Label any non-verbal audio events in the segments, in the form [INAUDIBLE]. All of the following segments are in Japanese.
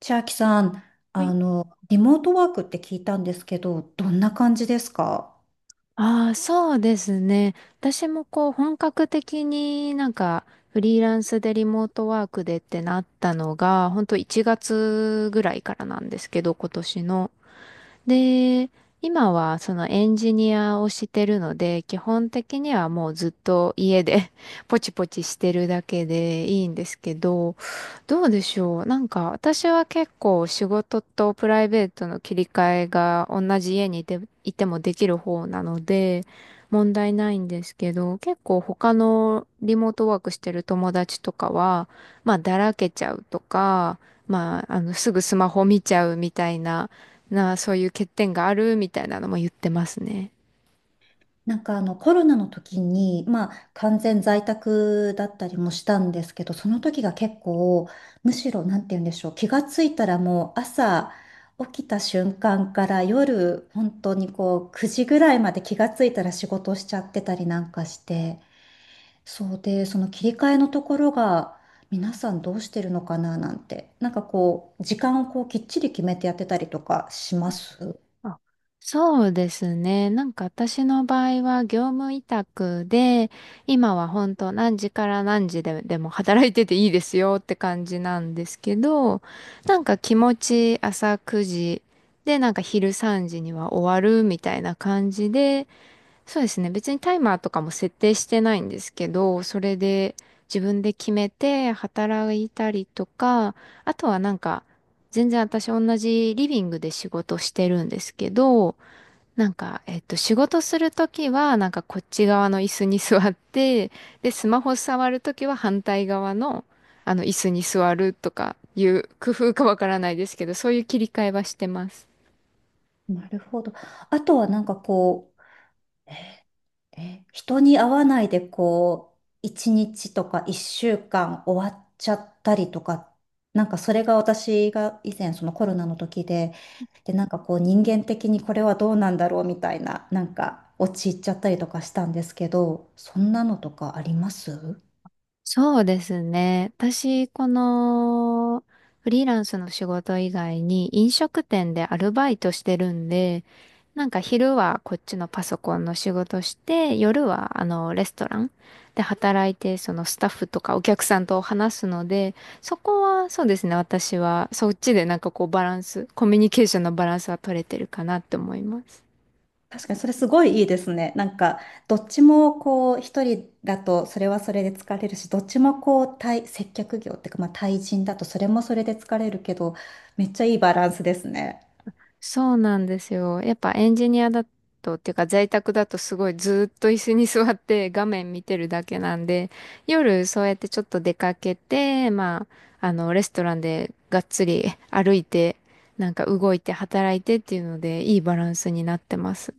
千秋さん、はあい。の、リモートワークって聞いたんですけど、どんな感じですか？ああ、そうですね。私もこう本格的になんかフリーランスでリモートワークでってなったのが、本当1月ぐらいからなんですけど、今年の。で、今はそのエンジニアをしてるので、基本的にはもうずっと家で [LAUGHS] ポチポチしてるだけでいいんですけど、どうでしょう。なんか私は結構仕事とプライベートの切り替えが同じ家にいて、いてもできる方なので問題ないんですけど、結構他のリモートワークしてる友達とかは、まあだらけちゃうとか、まあすぐスマホ見ちゃうみたいな、そういう欠点があるみたいなのも言ってますね。なんかコロナの時に、まあ、完全在宅だったりもしたんですけど、その時が結構、むしろ、なんて言うんでしょう、気がついたらもう朝起きた瞬間から夜、本当にこう、9時ぐらいまで気がついたら仕事しちゃってたりなんかして、そうで、その切り替えのところが皆さんどうしてるのかななんて、なんかこう、時間をこうきっちり決めてやってたりとかします？あ、そうですね。なんか私の場合は業務委託で、今は本当何時から何時で、でも働いてていいですよって感じなんですけど、なんか気持ち朝9時でなんか昼3時には終わるみたいな感じで、そうですね。別にタイマーとかも設定してないんですけど、それで自分で決めて働いたりとか、あとはなんか、全然私同じリビングで仕事してるんですけど、なんか、仕事するときは、なんかこっち側の椅子に座って、で、スマホ触るときは反対側の、椅子に座るとかいう工夫かわからないですけど、そういう切り替えはしてます。なるほど。あとはなんかこう、人に会わないでこう、一日とか一週間終わっちゃったりとか、なんかそれが私が以前そのコロナの時で、で、なんかこう人間的にこれはどうなんだろうみたいな、なんか陥っちゃったりとかしたんですけど、そんなのとかあります？そうですね。私、この、フリーランスの仕事以外に飲食店でアルバイトしてるんで、なんか昼はこっちのパソコンの仕事して、夜はあのレストランで働いて、そのスタッフとかお客さんと話すので、そこはそうですね、私はそっちでなんかこうバランス、コミュニケーションのバランスは取れてるかなって思います。確かにそれすごいいいですね。なんか、どっちもこう、一人だとそれはそれで疲れるし、どっちもこう、対、接客業っていうか、まあ対人だとそれもそれで疲れるけど、めっちゃいいバランスですね。そうなんですよ。やっぱエンジニアだと、っていうか在宅だとすごいずーっと椅子に [LAUGHS] 座って画面見てるだけなんで、夜そうやってちょっと出かけて、まあ、レストランでがっつり歩いて、なんか動いて働いてっていうので、いいバランスになってます。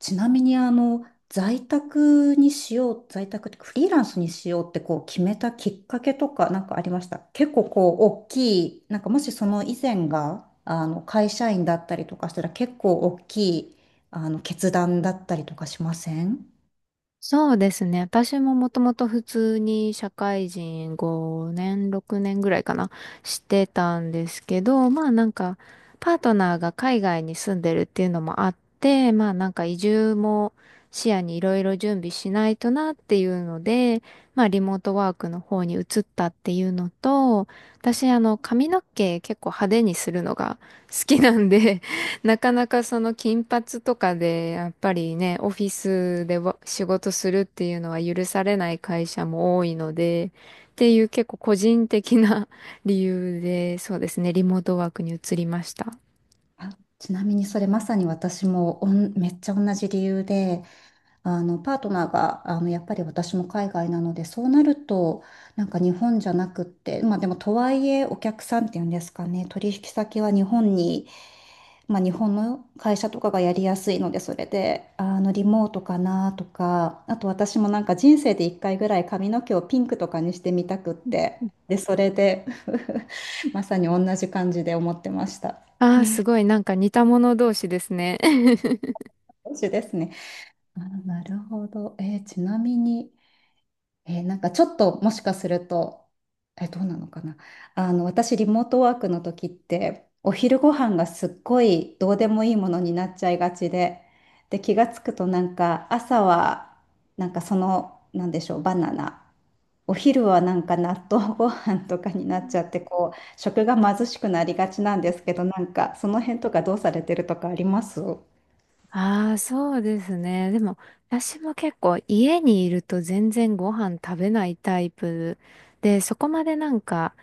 ちなみに、在宅にしよう、在宅ってフリーランスにしようってこう決めたきっかけとかなんかありました？結構こう、大きい、なんかもしその以前が、会社員だったりとかしたら結構大きい、決断だったりとかしません？そうですね。私ももともと普通に社会人5年、6年ぐらいかな、してたんですけど、まあなんか、パートナーが海外に住んでるっていうのもあって、まあなんか移住も視野にいろいろ準備しないとなっていうので、まあリモートワークの方に移ったっていうのと、私髪の毛結構派手にするのが好きなんでなかなかその金髪とかで、やっぱりね、オフィスでわ仕事するっていうのは許されない会社も多いので、っていう結構個人的な [LAUGHS] 理由で、そうですね、リモートワークに移りました。あちなみにそれまさに私もおんめっちゃ同じ理由であのパートナーがあのやっぱり私も海外なのでそうなるとなんか日本じゃなくってまあでもとはいえお客さんっていうんですかね、取引先は日本に、まあ、日本の会社とかがやりやすいのでそれであのリモートかなとか、あと私もなんか人生で1回ぐらい髪の毛をピンクとかにしてみたくってでそれで [LAUGHS] まさに同じ感じで思ってました。ああ、すごい、なんか似た者同士ですね。[LAUGHS] 同じですね。あ、なるほど。えーちなみに、えーなんかちょっともしかすると、えーどうなのかな。私、リモートワークの時って、お昼ご飯がすっごいどうでもいいものになっちゃいがちで、で、気がつくとなんか朝は、なんかその、なんでしょう、バナナ。お昼はなんか納豆ご飯とかになっちゃって、こう、食が貧しくなりがちなんですけど、なんかその辺とかどうされてるとかあります？ああ、そうですね。でも、私も結構家にいると全然ご飯食べないタイプで、そこまでなんか、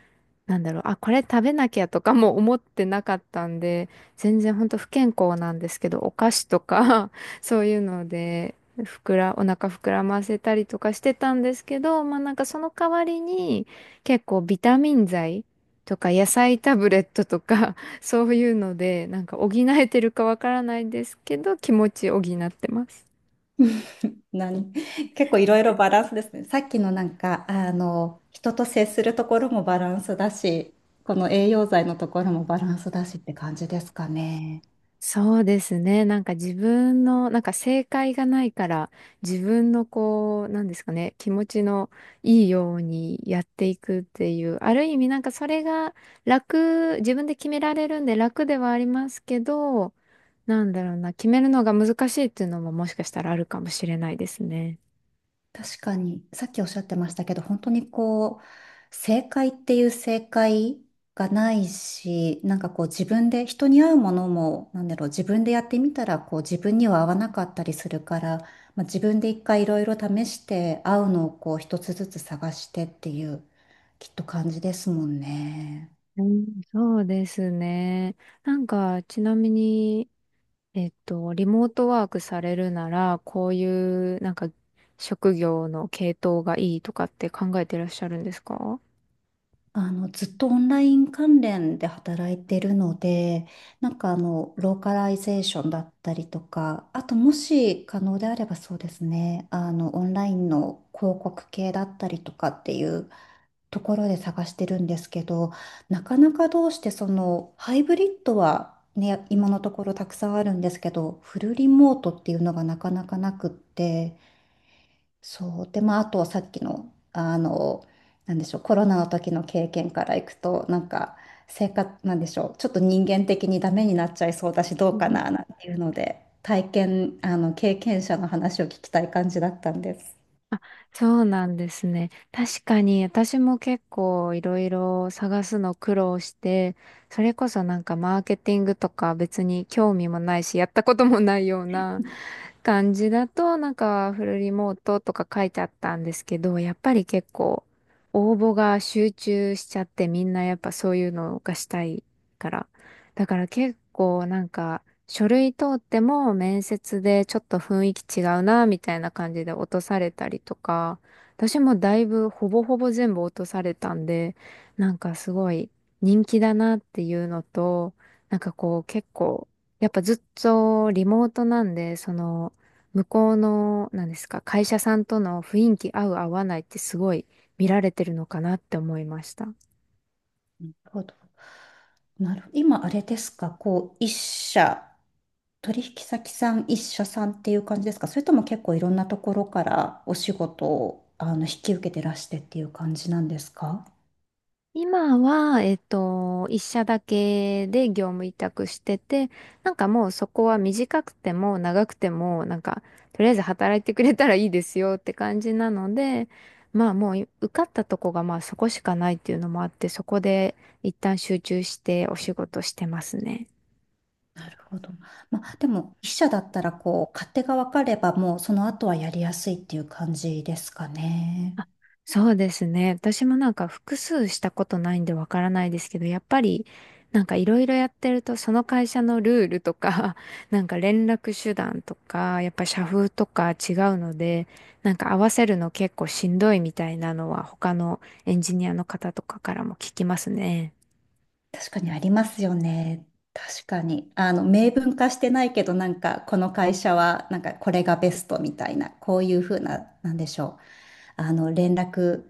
なんだろう、あ、これ食べなきゃとかも思ってなかったんで、全然ほんと不健康なんですけど、お菓子とか [LAUGHS] そういうので、ふくら、お腹膨らませたりとかしてたんですけど、まあなんかその代わりに結構ビタミン剤とか野菜タブレットとかそういうので、なんか補えてるかわからないですけど、気持ち補ってます。何 [LAUGHS] 結構いろいろバランスですね。さっきのなんか、人と接するところもバランスだし、この栄養剤のところもバランスだしって感じですかね。そうですね。なんか自分の、なんか正解がないから、自分のこう、なんですかね、気持ちのいいようにやっていくっていう、ある意味なんかそれが楽、自分で決められるんで楽ではありますけど、なんだろうな、決めるのが難しいっていうのももしかしたらあるかもしれないですね。確かに、さっきおっしゃってましたけど、本当にこう、正解っていう正解がないし、なんかこう自分で、人に合うものも、なんだろう、自分でやってみたら、こう自分には合わなかったりするから、まあ、自分で一回いろいろ試して、合うのをこう一つずつ探してっていう、きっと感じですもんね。うん、そうですね。なんか、ちなみに、リモートワークされるなら、こういうなんか職業の系統がいいとかって考えてらっしゃるんですか？ずっとオンライン関連で働いてるので、なんかローカライゼーションだったりとか、あともし可能であればそうですね、オンラインの広告系だったりとかっていうところで探してるんですけど、なかなかどうしてその、ハイブリッドはね、今のところたくさんあるんですけど、フルリモートっていうのがなかなかなくって、そう。で、まあ、あとはさっきの、なんでしょう、コロナの時の経験からいくと、なんか、生活、なんでしょう、ちょっと人間的にダメになっちゃいそうだし、どううかん。な、なんていうので、体験、経験者の話を聞きたい感じだったんです。あ、そうなんですね。確かに私も結構いろいろ探すの苦労して、それこそなんかマーケティングとか別に興味もないし、やったこともないような感じだと、なんかフルリモートとか書いてあったんですけど、やっぱり結構応募が集中しちゃってみんなやっぱそういうのがしたいから。だから結構なんか書類通っても面接でちょっと雰囲気違うな、みたいな感じで落とされたりとか、私もだいぶほぼほぼ全部落とされたんで、なんかすごい人気だなっていうのと、なんかこう結構、やっぱずっとリモートなんで、その、向こうの、なんですか、会社さんとの雰囲気合う合わないってすごい見られてるのかなって思いました。なるほど。なる、今、あれですか、こう、一社、取引先さん、一社さんっていう感じですか、それとも結構いろんなところからお仕事を、引き受けてらしてっていう感じなんですか？今は、一社だけで業務委託してて、なんかもうそこは短くても長くても、なんか、とりあえず働いてくれたらいいですよって感じなので、まあもう受かったとこがまあそこしかないっていうのもあって、そこで一旦集中してお仕事してますね。なるほど。まあ、でも、筆者だったら、こう、勝手が分かれば、もう、その後はやりやすいっていう感じですかね。そうですね。私もなんか複数したことないんでわからないですけど、やっぱりなんかいろいろやってると、その会社のルールとか、[LAUGHS] なんか連絡手段とか、やっぱ社風とか違うので、なんか合わせるの結構しんどいみたいなのは他のエンジニアの方とかからも聞きますね。確かにありますよね。確かに。明文化してないけど、なんか、この会社は、なんか、これがベストみたいな、こういうふうな、なんでしょう。連絡、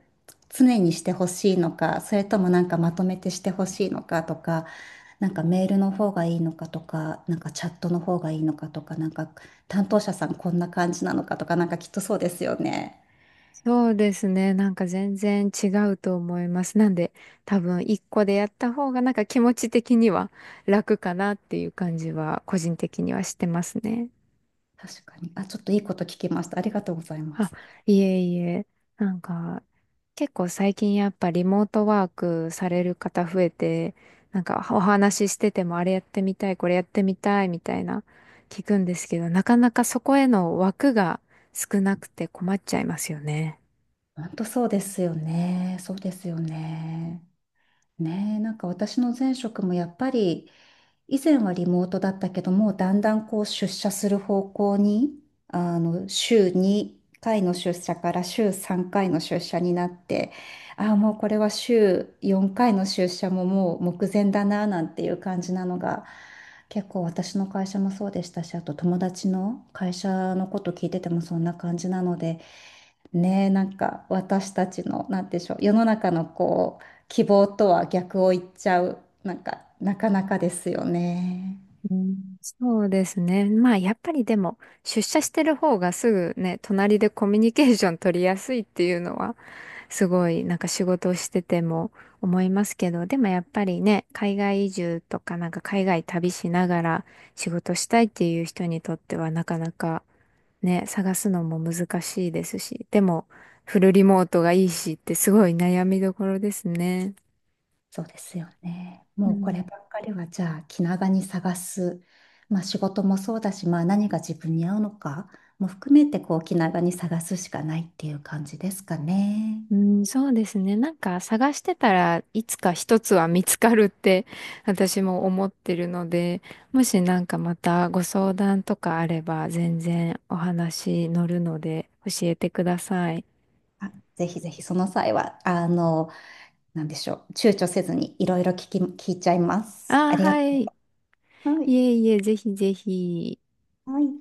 常にしてほしいのか、それともなんかまとめてしてほしいのかとか、なんかメールの方がいいのかとか、なんかチャットの方がいいのかとか、なんか担当者さんこんな感じなのかとか、なんかきっとそうですよね。そうですね。なんか全然違うと思います。なんで多分一個でやった方がなんか気持ち的には楽かなっていう感じは個人的にはしてますね。確かに。あ、ちょっといいこと聞きました。ありがとうございまあ、す。いえいえ、なんか、結構最近やっぱリモートワークされる方増えて、なんかお話ししててもあれやってみたい、これやってみたいみたいな聞くんですけど、なかなかそこへの枠が少なくて困っちゃいますよね。本当そうですよね。そうですよね。ねえ、なんか私の前職もやっぱり以前はリモートだったけど、もうだんだんこう出社する方向に、あの週2回の出社から週3回の出社になって、ああもうこれは週4回の出社ももう目前だななんていう感じなのが、結構私の会社もそうでしたし、あと友達の会社のこと聞いててもそんな感じなので、ねえなんか私たちのなんて言うんでしょう、世の中のこう希望とは逆を言っちゃう、なんか、なかなかですよね。うん、そうですね。まあやっぱりでも出社してる方がすぐね、隣でコミュニケーション取りやすいっていうのはすごいなんか仕事をしてても思いますけど、でもやっぱりね、海外移住とかなんか海外旅しながら仕事したいっていう人にとってはなかなかね、探すのも難しいですし、でもフルリモートがいいしってすごい悩みどころですね。そうですよね。うもうこれんばっかりは、じゃあ、気長に探す。まあ、仕事もそうだし、まあ、何が自分に合うのかも含めて、こう、気長に探すしかないっていう感じですかね。うん、そうですね。なんか探してたらいつか一つは見つかるって [LAUGHS] 私も思ってるので、もしなんかまたご相談とかあれば全然お話乗るので教えてください。あ、ぜひぜひ、その際は、なんでしょう、躊躇せずにいろいろ聞き、聞いちゃいます。あああ、りがはい。いとう。はえい。いえ、ぜひぜひ。はい。